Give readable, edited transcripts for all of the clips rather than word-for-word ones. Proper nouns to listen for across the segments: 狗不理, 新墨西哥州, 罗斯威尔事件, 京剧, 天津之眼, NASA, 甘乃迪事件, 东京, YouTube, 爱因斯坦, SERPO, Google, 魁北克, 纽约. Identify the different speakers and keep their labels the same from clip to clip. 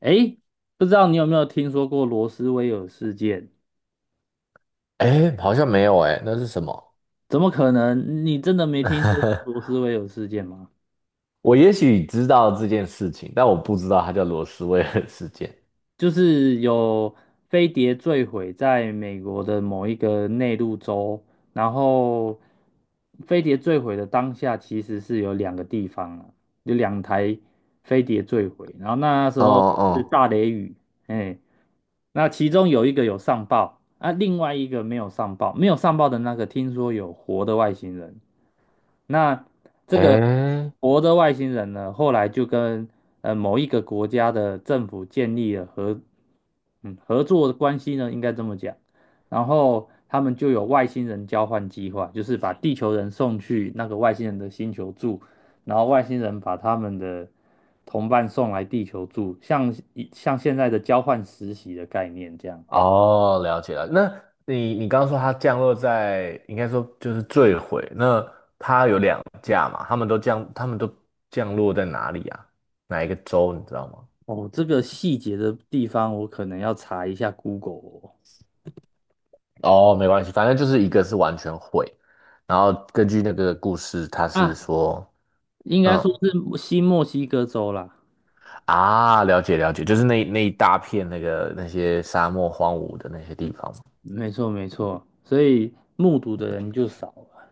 Speaker 1: 诶，不知道你有没有听说过罗斯威尔事件？
Speaker 2: 哎，好像没有哎，那是什么？
Speaker 1: 怎么可能？你真的没听说过罗 斯威尔事件吗？
Speaker 2: 我也许知道这件事情，但我不知道它叫罗斯威尔事件。
Speaker 1: 就是有飞碟坠毁在美国的某一个内陆州，然后飞碟坠毁的当下，其实是有两个地方啊，有两台飞碟坠毁，然后那时
Speaker 2: 哦
Speaker 1: 候是
Speaker 2: 哦，
Speaker 1: 大雷雨，哎，那其中有一个有上报啊，另外一个没有上报，没有上报的那个听说有活的外星人。那这个
Speaker 2: 哎，
Speaker 1: 活的外星人呢，后来就跟某一个国家的政府建立了合作的关系呢，应该这么讲。然后他们就有外星人交换计划，就是把地球人送去那个外星人的星球住，然后外星人把他们的同伴送来地球住，像现在的交换实习的概念这样。
Speaker 2: 哦，了解了。那你刚刚说它降落在，应该说就是坠毁。那它有两架嘛？他们都降，他们都降落在哪里啊？哪一个州你知道吗？
Speaker 1: 哦，这个细节的地方我可能要查一下 Google 哦。
Speaker 2: 哦，没关系，反正就是一个是完全毁，然后根据那个故事，它是
Speaker 1: 啊，
Speaker 2: 说，
Speaker 1: 应该说
Speaker 2: 嗯。
Speaker 1: 是新墨西哥州啦，
Speaker 2: 啊，了解了解，就是那一大片那个那些沙漠荒芜的那些地方嘛。
Speaker 1: 没错没错，所以目睹的人就少了。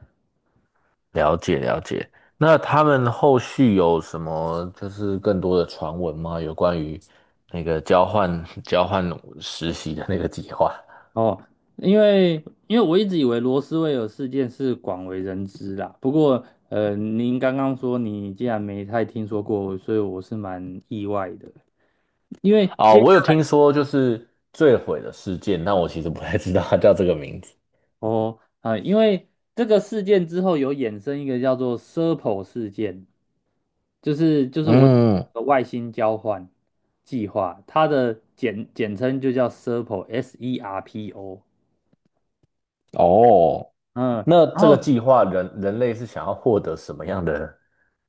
Speaker 2: 了解了解。那他们后续有什么就是更多的传闻吗？有关于那个交换 交换实习的那个计划？
Speaker 1: 哦，因为因为我一直以为罗斯威尔事件是广为人知啦，不过您刚刚说你竟然没太听说过，所以我是蛮意外的。因为
Speaker 2: 哦，
Speaker 1: 接下
Speaker 2: 我有听说就是坠毁的事件，但我其实不太知道它叫这个名字。
Speaker 1: 哦啊、呃因为这个事件之后有衍生一个叫做 SERPO 事件，就是我讲
Speaker 2: 嗯，
Speaker 1: 的外星交换计划，它的简称就叫 SERPO，S E R P O。
Speaker 2: 哦，
Speaker 1: 嗯，
Speaker 2: 那
Speaker 1: 然
Speaker 2: 这个
Speaker 1: 后
Speaker 2: 计划人类是想要获得什么样的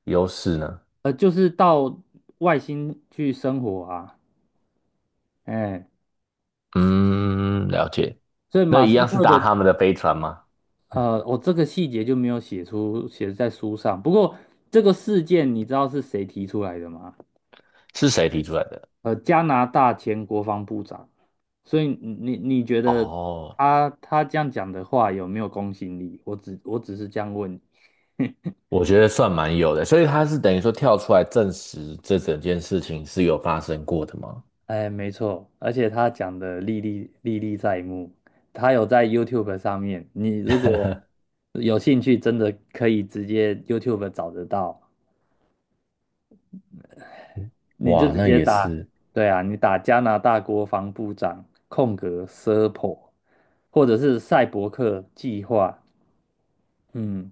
Speaker 2: 优势呢？
Speaker 1: 就是到外星去生活啊，哎，
Speaker 2: 嗯，了解。
Speaker 1: 所以
Speaker 2: 那
Speaker 1: 马
Speaker 2: 一
Speaker 1: 斯
Speaker 2: 样是
Speaker 1: 克
Speaker 2: 搭
Speaker 1: 的
Speaker 2: 他们的飞船吗？
Speaker 1: 呃，我这个细节就没有写在书上。不过这个事件你知道是谁提出来的吗？
Speaker 2: 是谁提出来的？
Speaker 1: 加拿大前国防部长。所以你觉得
Speaker 2: 哦，
Speaker 1: 他这样讲的话有没有公信力？我只是这样问你。
Speaker 2: 我觉得算蛮有的，所以他是等于说跳出来证实这整件事情是有发生过的吗？
Speaker 1: 哎，没错，而且他讲的历历在目，他有在 YouTube 上面，你如果 有兴趣，真的可以直接 YouTube 找得到。你就
Speaker 2: 哇，
Speaker 1: 直
Speaker 2: 那
Speaker 1: 接
Speaker 2: 也
Speaker 1: 打，
Speaker 2: 是，
Speaker 1: 对啊，你打加拿大国防部长空格 SIRPO，或者是赛博克计划，嗯，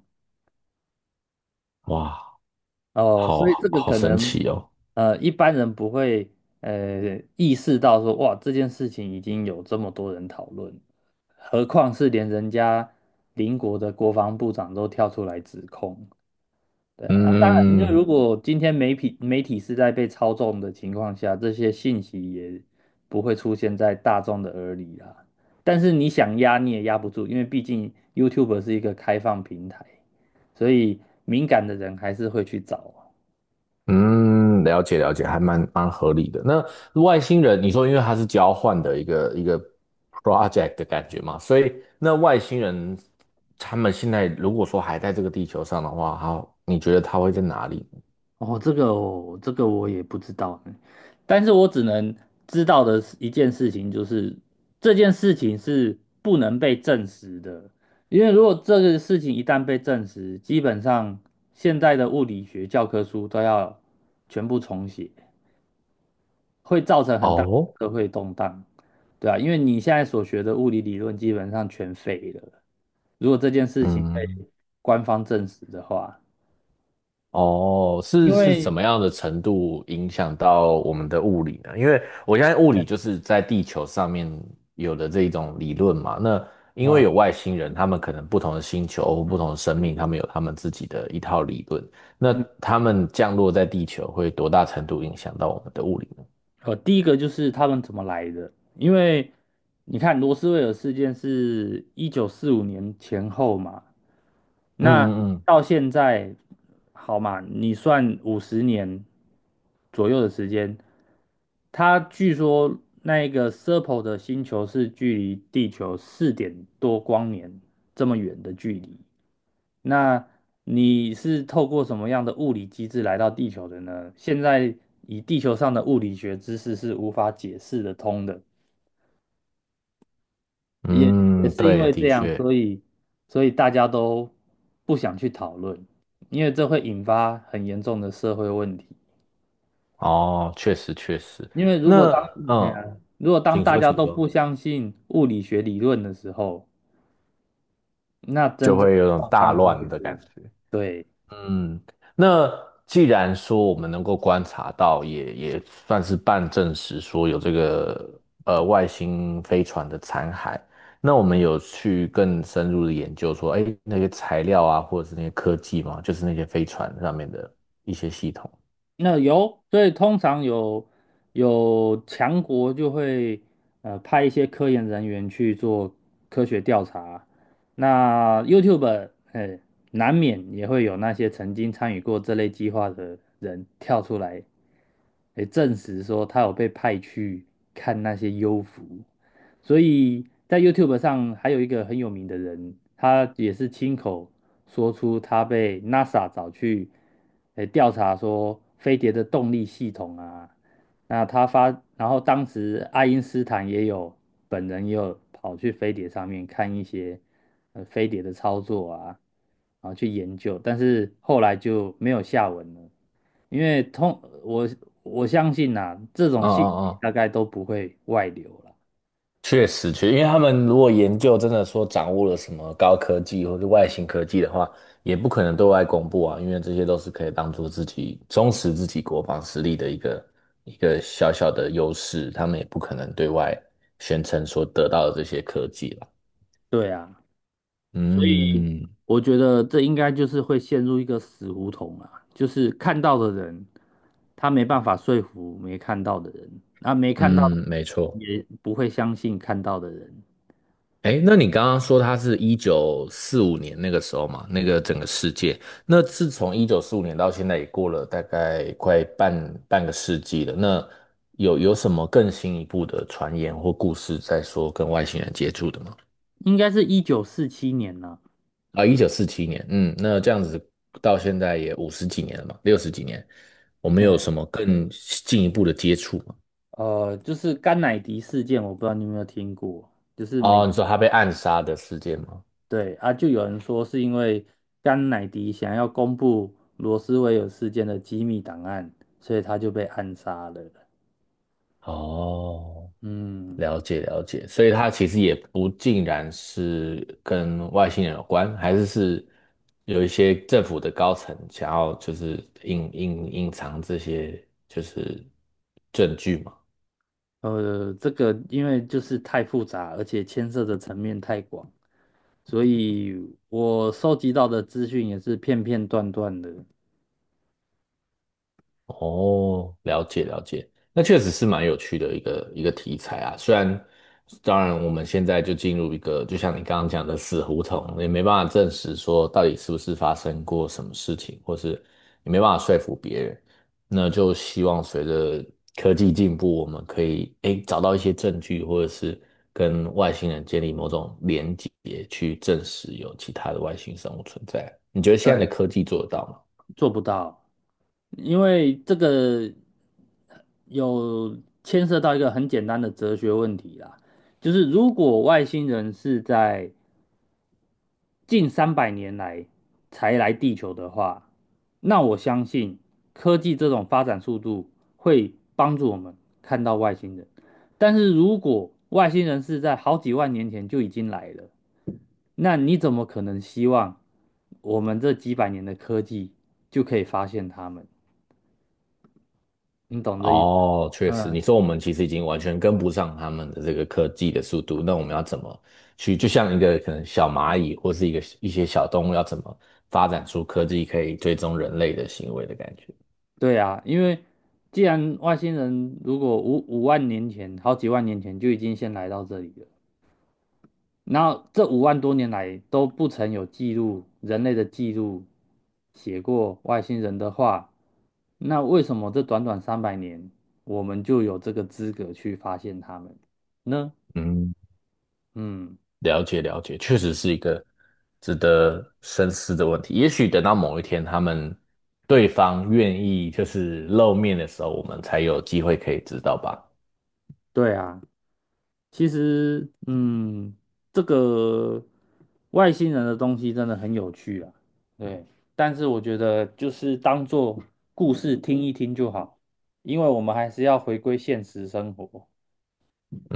Speaker 2: 哇，
Speaker 1: 哦，所以
Speaker 2: 好
Speaker 1: 这个
Speaker 2: 好
Speaker 1: 可
Speaker 2: 神
Speaker 1: 能
Speaker 2: 奇哦。
Speaker 1: 一般人不会意识到说哇这件事情已经有这么多人讨论，何况是连人家邻国的国防部长都跳出来指控，对啊，然后当然，因为
Speaker 2: 嗯
Speaker 1: 如果今天媒体是在被操纵的情况下，这些信息也不会出现在大众的耳里啦。但是你想压你也压不住，因为毕竟 YouTube 是一个开放平台，所以敏感的人还是会去找啊。
Speaker 2: 嗯，了解了解，还蛮合理的。那外星人，你说因为它是交换的一个一个 project 的感觉嘛，所以那外星人他们现在如果说还在这个地球上的话，好，你觉得他会在哪里？
Speaker 1: 哦，这个我也不知道呢。但是我只能知道的是一件事情就是，这件事情是不能被证实的，因为如果这个事情一旦被证实，基本上现在的物理学教科书都要全部重写，会造成很大的
Speaker 2: 哦
Speaker 1: 社会动荡，对啊，因为你现在所学的物理理论基本上全废了，如果这件事情被
Speaker 2: 嗯，
Speaker 1: 官方证实的话，
Speaker 2: 哦，是
Speaker 1: 因
Speaker 2: 是
Speaker 1: 为
Speaker 2: 怎么样的程度影响到我们的物理呢？因为我相信物
Speaker 1: 啊。
Speaker 2: 理就是在地球上面有的这一种理论嘛。那因为
Speaker 1: 嗯
Speaker 2: 有外星人，他们可能不同的星球或不同的生命，他们有他们自己的一套理论。那他们降落在地球会多大程度影响到我们的物理呢？
Speaker 1: 第一个就是他们怎么来的，因为你看罗斯威尔事件是1945年前后嘛，
Speaker 2: 嗯
Speaker 1: 那
Speaker 2: 嗯
Speaker 1: 到现在好嘛，你算50年左右的时间，他据说那一个 Serpo 的星球是距离地球四点多光年这么远的距离，那你是透过什么样的物理机制来到地球的呢？现在以地球上的物理学知识是无法解释得通的，也也
Speaker 2: 嗯嗯，
Speaker 1: 是因
Speaker 2: 对，
Speaker 1: 为
Speaker 2: 的
Speaker 1: 这样，
Speaker 2: 确，
Speaker 1: 所以大家都不想去讨论，因为这会引发很严重的社会问题。
Speaker 2: 哦，确实确实。
Speaker 1: 因为如果
Speaker 2: 那
Speaker 1: 当哎
Speaker 2: 嗯，
Speaker 1: 呀，如果当
Speaker 2: 请
Speaker 1: 大
Speaker 2: 说，
Speaker 1: 家
Speaker 2: 请
Speaker 1: 都
Speaker 2: 说，
Speaker 1: 不相信物理学理论的时候，那
Speaker 2: 就
Speaker 1: 真正的
Speaker 2: 会有种
Speaker 1: 状
Speaker 2: 大
Speaker 1: 况就会
Speaker 2: 乱的感
Speaker 1: 是，
Speaker 2: 觉。
Speaker 1: 对。
Speaker 2: 嗯，那既然说我们能够观察到，也算是半证实说有这个呃外星飞船的残骸，那我们有去更深入的研究说，哎，那些材料啊，或者是那些科技嘛，就是那些飞船上面的一些系统。
Speaker 1: 那有，所以通常有强国就会派一些科研人员去做科学调查。那 YouTube 哎，难免也会有那些曾经参与过这类计划的人跳出来，诶证实说他有被派去看那些幽浮。所以在 YouTube 上还有一个很有名的人，他也是亲口说出他被 NASA 找去，诶调查说飞碟的动力系统啊。那他发，然后当时爱因斯坦也有本人也有跑去飞碟上面看一些飞碟的操作啊，然后去研究，但是后来就没有下文了。因为通我相信呐、这种
Speaker 2: 嗯
Speaker 1: 信息大
Speaker 2: 嗯
Speaker 1: 概都不会外流了。
Speaker 2: 确实，确，因为他们如果研究真的说掌握了什么高科技或者外星科技的话，也不可能对外公布啊，因为这些都是可以当做自己充实自己国防实力的一个一个小小的优势，他们也不可能对外宣称所得到的这些科技了。
Speaker 1: 对啊，所以
Speaker 2: 嗯
Speaker 1: 我觉得这应该就是会陷入一个死胡同啊，就是看到的人，他没办法说服没看到的人，那没看到的
Speaker 2: 嗯，没
Speaker 1: 人
Speaker 2: 错。
Speaker 1: 也不会相信看到的人。
Speaker 2: 哎，那你刚刚说他是一九四五年那个时候嘛，那个整个世界，那自从一九四五年到现在也过了大概快半个世纪了。那有什么更新一步的传言或故事在说跟外星人接触的吗？
Speaker 1: 应该是1947年呢、
Speaker 2: 啊，1947年，嗯，那这样子到现在也五十几年了嘛，六十几年，我们
Speaker 1: 嘿
Speaker 2: 有什么更进一步的接触吗？
Speaker 1: 就是甘乃迪事件，我不知道你有没有听过，就是美，
Speaker 2: 哦，你说他被暗杀的事件吗？
Speaker 1: 对啊，就有人说是因为甘乃迪想要公布罗斯威尔事件的机密档案，所以他就被暗杀了。
Speaker 2: 哦，
Speaker 1: 嗯。
Speaker 2: 了解了解，所以它其实也不尽然是跟外星人有关，还是有一些政府的高层想要就是隐藏这些就是证据嘛。
Speaker 1: 这个因为就是太复杂，而且牵涉的层面太广，所以我收集到的资讯也是片片段段的，
Speaker 2: 哦，了解了解，那确实是蛮有趣的一个一个题材啊。虽然，当然我们现在就进入一个，就像你刚刚讲的死胡同，也没办法证实说到底是不是发生过什么事情，或是也没办法说服别人。那就希望随着科技进步，我们可以诶找到一些证据，或者是跟外星人建立某种连结，去证实有其他的外星生物存在。你觉得现在
Speaker 1: 对，
Speaker 2: 的科技做得到吗？
Speaker 1: 做不到。因为这个有牵涉到一个很简单的哲学问题啦，就是如果外星人是在近三百年来才来地球的话，那我相信科技这种发展速度会帮助我们看到外星人。但是如果外星人是在好几万年前就已经来了，那你怎么可能希望我们这几百年的科技就可以发现他们？你懂这意思？
Speaker 2: 哦，确实，
Speaker 1: 嗯，
Speaker 2: 你说我们其实已经完全跟不上他们的这个科技的速度，那我们要怎么去，就像一个可能小蚂蚁或是一个一些小动物，要怎么发展出科技可以追踪人类的行为的感觉？
Speaker 1: 对啊，因为既然外星人如果五万年前、好几万年前就已经先来到这里了，然后这5万多年来都不曾有记录，人类的记录写过外星人的话，那为什么这短短三百年，我们就有这个资格去发现他们呢？
Speaker 2: 嗯，
Speaker 1: 嗯，
Speaker 2: 了解了解，确实是一个值得深思的问题。也许等到某一天，他们对方愿意就是露面的时候，我们才有机会可以知道吧。
Speaker 1: 对啊，其实，嗯，这个外星人的东西真的很有趣啊，对，但是我觉得就是当做故事听一听就好，因为我们还是要回归现实生活。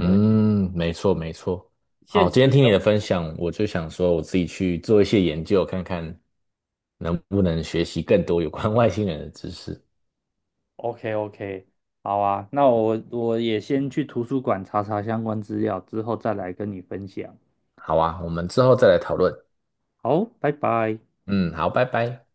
Speaker 1: 对。
Speaker 2: 没错没错。好，
Speaker 1: 现实
Speaker 2: 今天听你
Speaker 1: 生
Speaker 2: 的分享，我就想说我自己去做一些研究，看看能不能学习更多有关外星人的知识。
Speaker 1: OK OK，好啊，那我也先去图书馆查查相关资料，之后再来跟你分享。
Speaker 2: 好啊，我们之后再来讨论。
Speaker 1: 好，拜拜。
Speaker 2: 嗯，好，拜拜。